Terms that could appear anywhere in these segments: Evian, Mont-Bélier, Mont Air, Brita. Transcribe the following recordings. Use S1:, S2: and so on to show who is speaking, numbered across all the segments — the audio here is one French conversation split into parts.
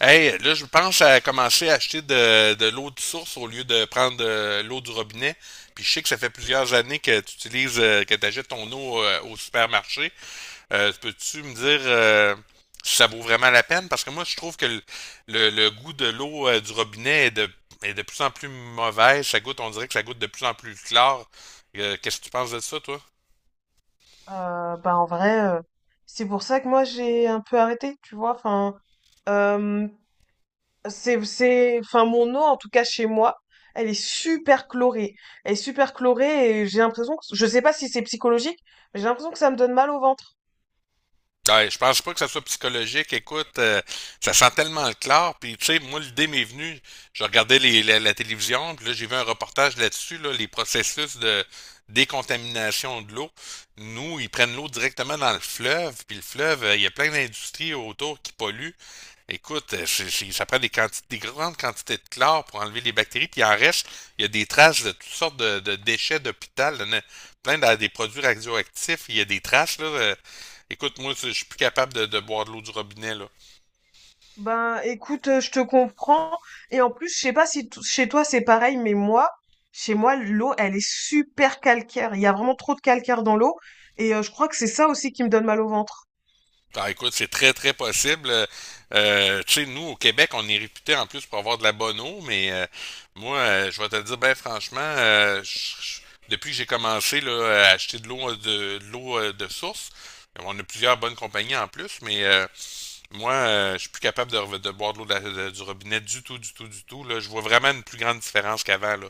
S1: Hey, là, je pense à commencer à acheter de l'eau de source au lieu de prendre de l'eau du robinet. Puis je sais que ça fait plusieurs années que tu utilises, que tu achètes ton eau au supermarché. Peux-tu me dire si ça vaut vraiment la peine? Parce que moi, je trouve que le goût de l'eau du robinet est de plus en plus mauvais. Ça goûte, on dirait que ça goûte de plus en plus clair. Qu'est-ce que tu penses de ça, toi?
S2: Bah en vrai, c'est pour ça que moi j'ai un peu arrêté, tu vois. Enfin, euh, enfin mon eau en tout cas chez moi, elle est super chlorée. Elle est super chlorée et j'ai l'impression que, je sais pas si c'est psychologique, mais j'ai l'impression que ça me donne mal au ventre.
S1: Ouais, je pense pas que ça soit psychologique. Écoute, ça sent tellement le clair. Puis, tu sais, moi, l'idée m'est venue. Je regardais la télévision, puis là, j'ai vu un reportage là-dessus, là, les processus de décontamination de l'eau. Nous, ils prennent l'eau directement dans le fleuve, puis le fleuve, il y a plein d'industries autour qui polluent. Écoute, ça prend des grandes quantités de chlore pour enlever les bactéries, puis il en reste, il y a des traces de toutes sortes de déchets d'hôpital, des produits radioactifs, il y a des traces, là. Écoute, moi, je suis plus capable de boire de l'eau du robinet, là.
S2: Ben écoute, je te comprends. Et en plus, je sais pas si chez toi c'est pareil, mais moi, chez moi l'eau, elle est super calcaire. Il y a vraiment trop de calcaire dans l'eau et je crois que c'est ça aussi qui me donne mal au ventre.
S1: Ah, écoute, c'est très, très possible. Tu sais, nous, au Québec, on est réputé en plus pour avoir de la bonne eau, mais moi, je vais te le dire, ben franchement, je- depuis que j'ai commencé là, à acheter de l'eau de l'eau de source, on a plusieurs bonnes compagnies en plus, mais moi, je suis plus capable de boire de l'eau du robinet du tout, du tout, du tout. Là. Je vois vraiment une plus grande différence qu'avant, là.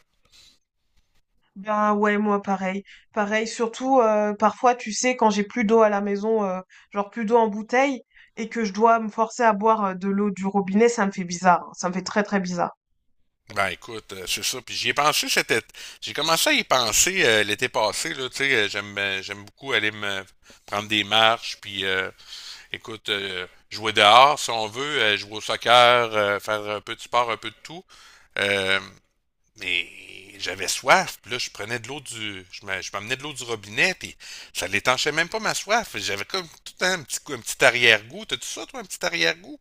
S2: Ben ouais, moi pareil. Pareil, surtout parfois, tu sais, quand j'ai plus d'eau à la maison, genre plus d'eau en bouteille, et que je dois me forcer à boire de l'eau du robinet, ça me fait bizarre, hein. Ça me fait très très bizarre.
S1: Ben écoute, c'est ça. Puis j'y ai pensé cet été. J'ai commencé à y penser l'été passé, là, tu sais, j'aime beaucoup aller me prendre des marches, puis écoute, jouer dehors si on veut, jouer au soccer, faire un peu de sport, un peu de tout. Euh, mais j'avais soif, puis là, je m'amenais de l'eau du robinet, puis ça l'étanchait même pas ma soif. J'avais comme tout le temps un petit, un petit arrière-goût. T'as-tu ça, toi, un petit arrière-goût?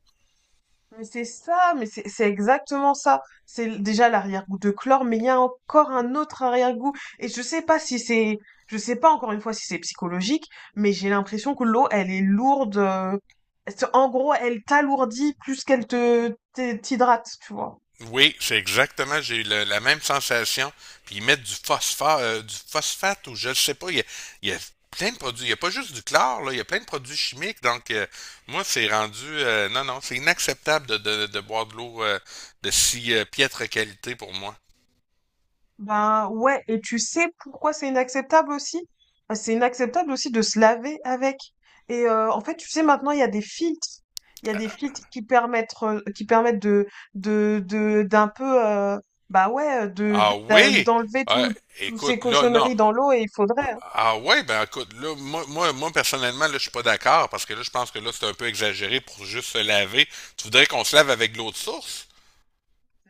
S2: Mais c'est ça, mais c'est exactement ça. Déjà l'arrière-goût de chlore, mais il y a encore un autre arrière-goût. Et je sais pas si c'est, je sais pas encore une fois si c'est psychologique, mais j'ai l'impression que l'eau, elle est lourde. En gros, elle t'alourdit plus qu'elle te t'hydrate, tu vois.
S1: Oui, c'est exactement, j'ai eu la même sensation. Puis ils mettent du phosphore, du phosphate ou je ne sais pas. Il y a plein de produits. Il n'y a pas juste du chlore, là, il y a plein de produits chimiques. Donc, moi, c'est rendu. Non, non, c'est inacceptable de boire de l'eau de si piètre qualité pour moi.
S2: Ben ouais, et tu sais pourquoi c'est inacceptable aussi? Ben, c'est inacceptable aussi de se laver avec. Et en fait, tu sais, maintenant, il y a des filtres. Il y a des filtres qui permettent d'un peu, bah ouais,
S1: Ah oui?
S2: d'enlever
S1: Ah,
S2: tout, toutes ces
S1: écoute, là, non.
S2: cochonneries dans l'eau et il faudrait, hein.
S1: Ah ouais, ben écoute, là, moi, personnellement, là, je suis pas d'accord parce que là, je pense que là, c'est un peu exagéré pour juste se laver. Tu voudrais qu'on se lave avec de l'eau de source?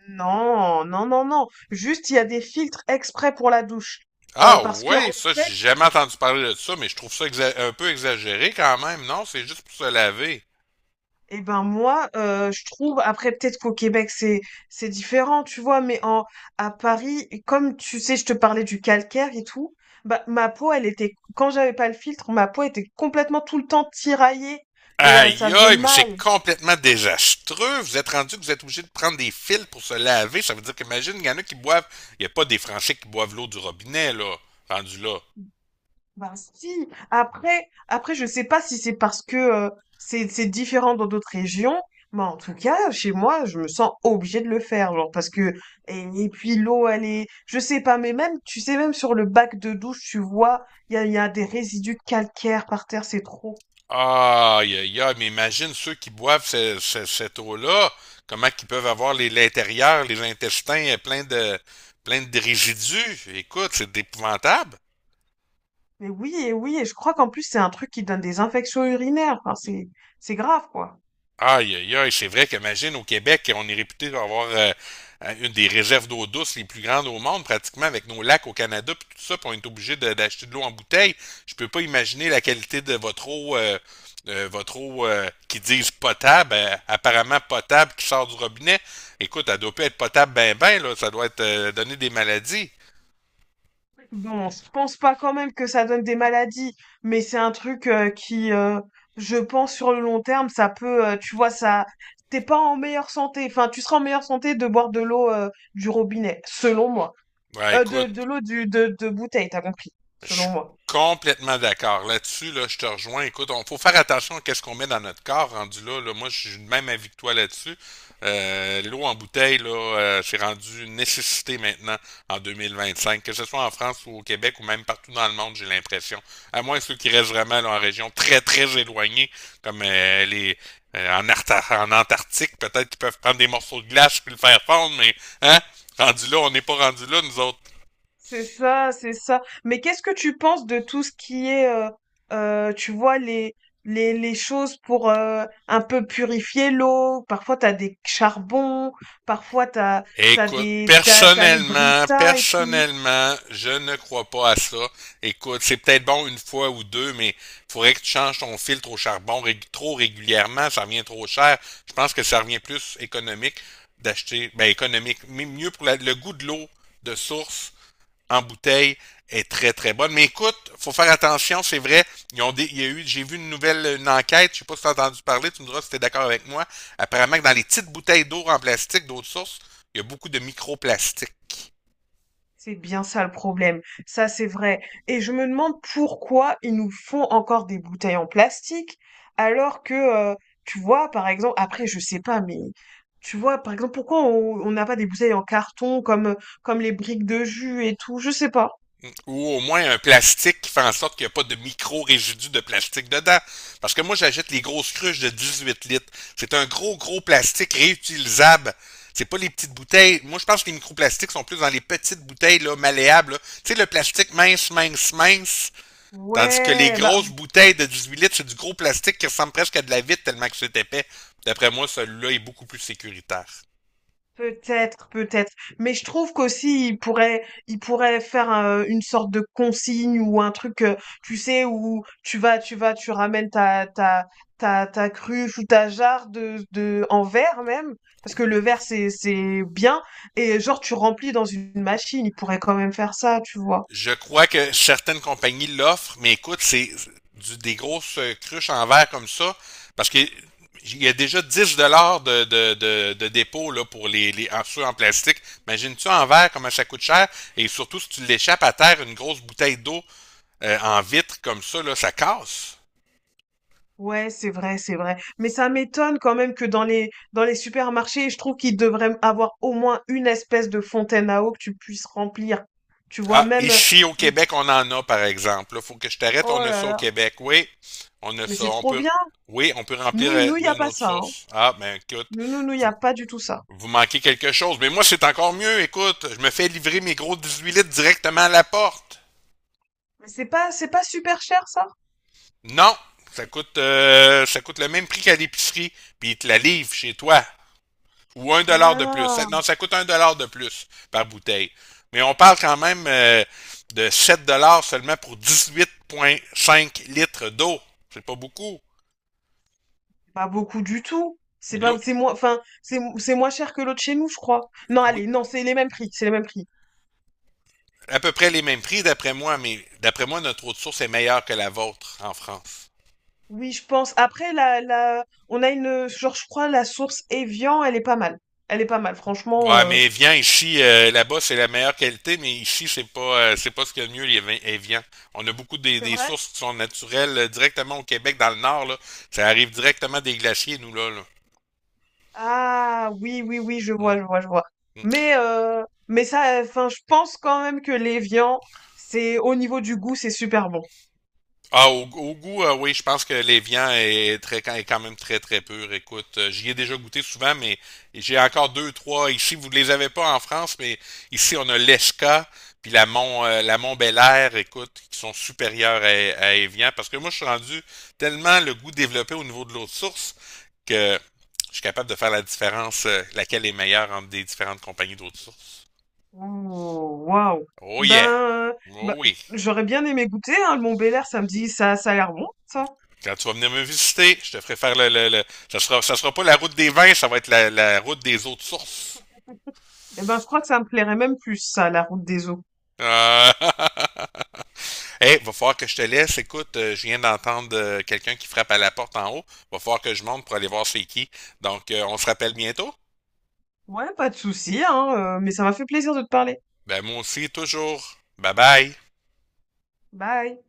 S2: Non, non, non, non. Juste, il y a des filtres exprès pour la douche.
S1: Ah
S2: Parce que,
S1: ouais,
S2: en
S1: ça, j'ai
S2: fait,
S1: jamais entendu parler de ça, mais je trouve ça un peu exagéré quand même, non? C'est juste pour se laver.
S2: Eh ben moi, je trouve, après peut-être qu'au Québec c'est différent, tu vois, mais en à Paris, et comme tu sais, je te parlais du calcaire et tout, bah ma peau, elle était, quand j'avais pas le filtre, ma peau était complètement tout le temps tiraillée et
S1: Aïe
S2: ça faisait
S1: aïe, mais c'est
S2: mal.
S1: complètement désastreux. Vous êtes rendu que vous êtes obligé de prendre des fils pour se laver. Ça veut dire qu'imagine, il y en a qui boivent. Il n'y a pas des Français qui boivent l'eau du robinet, là, rendu là.
S2: Bah si, après je sais pas si c'est parce que c'est différent dans d'autres régions, mais en tout cas chez moi je me sens obligée de le faire genre, parce que et puis l'eau elle est, je sais pas, mais même tu sais même sur le bac de douche tu vois il y a des résidus calcaires par terre, c'est trop.
S1: Aïe aïe aïe, mais imagine ceux qui boivent cette eau-là, comment qu'ils peuvent avoir l'intérieur, les intestins plein de résidus. Écoute, c'est épouvantable.
S2: Mais oui, et oui, et je crois qu'en plus c'est un truc qui donne des infections urinaires, enfin c'est grave quoi.
S1: Aïe, aïe, aïe, c'est vrai qu'imagine, au Québec, on est réputé avoir une des réserves d'eau douce les plus grandes au monde, pratiquement avec nos lacs au Canada, puis tout ça, puis on est obligé d'acheter de l'eau en bouteille. Je peux pas imaginer la qualité de votre eau qui disent potable, apparemment potable, qui sort du robinet. Écoute, elle doit pas être potable ben ben, là, ça doit être donner des maladies.
S2: Bon, je pense pas quand même que ça donne des maladies, mais c'est un truc qui, je pense, sur le long terme, ça peut, tu vois, ça, t'es pas en meilleure santé. Enfin, tu seras en meilleure santé de boire de l'eau du robinet, selon moi.
S1: Ouais, écoute,
S2: De l'eau du de bouteille, t'as compris,
S1: Je
S2: selon
S1: suis
S2: moi.
S1: complètement d'accord. Là-dessus, là, je te rejoins. Écoute, il faut faire attention à ce qu'on met dans notre corps rendu là. Là. Moi, je suis de même avis que toi là-dessus. L'eau en bouteille, là, c'est rendu une nécessité maintenant en 2025. Que ce soit en France ou au Québec ou même partout dans le monde, j'ai l'impression. À moins ceux qui restent vraiment là, en région très, très éloignée, comme les en Antarctique, peut-être qu'ils peuvent prendre des morceaux de glace puis le faire fondre, mais hein, rendu là, on n'est pas rendu là, nous autres.
S2: C'est ça, c'est ça. Mais qu'est-ce que tu penses de tout ce qui est, tu vois, les choses pour un peu purifier l'eau? Parfois, t'as des charbons, parfois,
S1: Écoute,
S2: t'as les
S1: personnellement,
S2: britas et tout.
S1: personnellement, je ne crois pas à ça. Écoute, c'est peut-être bon une fois ou deux, mais faudrait que tu changes ton filtre au charbon trop régulièrement, ça revient trop cher. Je pense que ça revient plus économique d'acheter, ben économique, mais mieux pour le goût de l'eau de source en bouteille est très très bonne. Mais écoute, il faut faire attention, c'est vrai. Il y a eu, j'ai vu une enquête, je ne sais pas si tu as entendu parler, tu me diras si tu es d'accord avec moi. Apparemment que dans les petites bouteilles d'eau en plastique d'autres sources, il y a beaucoup de microplastiques.
S2: C'est bien ça le problème. Ça, c'est vrai. Et je me demande pourquoi ils nous font encore des bouteilles en plastique, alors que, tu vois, par exemple, après, je sais pas, mais tu vois, par exemple, pourquoi on n'a pas des bouteilles en carton comme, comme les briques de jus et tout, je sais pas.
S1: Ou au moins un plastique qui fait en sorte qu'il n'y a pas de micro-résidus de plastique dedans. Parce que moi, j'achète les grosses cruches de 18 litres. C'est un gros, gros plastique réutilisable. C'est pas les petites bouteilles. Moi, je pense que les microplastiques sont plus dans les petites bouteilles là, malléables. Tu sais, le plastique mince, mince, mince. Tandis que les
S2: Ouais, bah
S1: grosses bouteilles de 18 litres, c'est du gros plastique qui ressemble presque à de la vitre tellement que c'est épais. D'après moi, celui-là est beaucoup plus sécuritaire.
S2: peut-être, peut-être. Mais je trouve qu'aussi, il pourrait faire une sorte de consigne ou un truc, tu sais, où tu vas, tu ramènes ta cruche ou ta jarre de, en verre même, parce que le verre, c'est bien. Et genre, tu remplis dans une machine. Il pourrait quand même faire ça, tu vois.
S1: Je crois que certaines compagnies l'offrent, mais écoute, c'est des grosses cruches en verre comme ça, parce que il y a déjà 10 $ de dépôt là, pour ceux en plastique. Imagine-tu en verre comment ça coûte cher, et surtout si tu l'échappes à terre, une grosse bouteille d'eau en vitre comme ça, là, ça casse.
S2: Ouais, c'est vrai, c'est vrai. Mais ça m'étonne quand même que dans les supermarchés, je trouve qu'ils devraient avoir au moins une espèce de fontaine à eau que tu puisses remplir. Tu vois,
S1: Ah,
S2: même
S1: ici au Québec, on en a, par exemple. Il faut que je t'arrête, on
S2: oh
S1: a
S2: là
S1: ça au
S2: là,
S1: Québec. Oui, on a
S2: mais
S1: ça.
S2: c'est
S1: On
S2: trop
S1: peut,
S2: bien.
S1: oui, on peut remplir
S2: Nous nous y
S1: de
S2: a pas
S1: notre
S2: ça, hein.
S1: source. Ah, ben écoute,
S2: Nous nous y a
S1: vous,
S2: pas du tout ça.
S1: vous manquez quelque chose. Mais moi, c'est encore mieux. Écoute, je me fais livrer mes gros 18 litres directement à la porte.
S2: Mais c'est pas super cher ça.
S1: Non, ça coûte le même prix qu'à l'épicerie. Puis ils te la livrent chez toi. Ou un
S2: Ouh
S1: dollar
S2: là
S1: de plus.
S2: là,
S1: Non, ça coûte 1 $ de plus par bouteille. Mais on parle quand même de 7 $ seulement pour 18,5 litres d'eau. C'est pas beaucoup.
S2: c'est pas beaucoup du tout. C'est
S1: Puis l'eau-
S2: pas, c'est moins, enfin c'est moins cher que l'autre chez nous, je crois. Non,
S1: oui,
S2: allez, non, c'est les mêmes prix, c'est les mêmes prix.
S1: à peu près les mêmes prix d'après moi, mais d'après moi, notre eau de source est meilleure que la vôtre en France.
S2: Oui, je pense. Après, on a une, genre, je crois, la source Evian, elle est pas mal. Elle est pas mal, franchement.
S1: Ouais, mais viens ici, là-bas, c'est la meilleure qualité, mais ici, c'est pas ce qu'il y a de mieux, les vins Evian. On a beaucoup
S2: C'est
S1: des
S2: vrai?
S1: sources qui sont naturelles directement au Québec, dans le nord, là. Ça arrive directement des glaciers, nous, là, là.
S2: Ah, oui, oui, oui, je
S1: Mm,
S2: vois,
S1: mm.
S2: je vois, je vois. Mais ça, enfin, je pense quand même que l'Evian, c'est, au niveau du goût, c'est super bon.
S1: Ah, au, au goût, oui, je pense que l'évian est très quand est quand même très très pur. Écoute, j'y ai déjà goûté souvent, mais j'ai encore deux, trois ici. Vous ne les avez pas en France, mais ici on a l'Esca puis la Mont Air, écoute, qui sont supérieures à Evian. Parce que moi, je suis rendu tellement le goût développé au niveau de l'eau de source que je suis capable de faire la différence, laquelle est meilleure entre des différentes compagnies d'eau de source.
S2: Ouh, waouh.
S1: Oh yeah!
S2: Ben, ben,
S1: Oh oui!
S2: j'aurais bien aimé goûter, hein, le Mont-Bélier, ça me dit, ça a l'air bon, ça.
S1: Quand tu vas venir me visiter, je te ferai faire ça sera, ça sera pas la route des vins, ça va être la route des autres sources.
S2: Eh ben, je crois que ça me plairait même plus, ça, la route des eaux.
S1: Euh... hey, va falloir que je te laisse. Écoute, je viens d'entendre quelqu'un qui frappe à la porte en haut. Va falloir que je monte pour aller voir c'est qui. Donc, on se rappelle bientôt.
S2: Ouais, pas de souci, hein, mais ça m'a fait plaisir de te parler.
S1: Ben, moi aussi, toujours. Bye bye.
S2: Bye.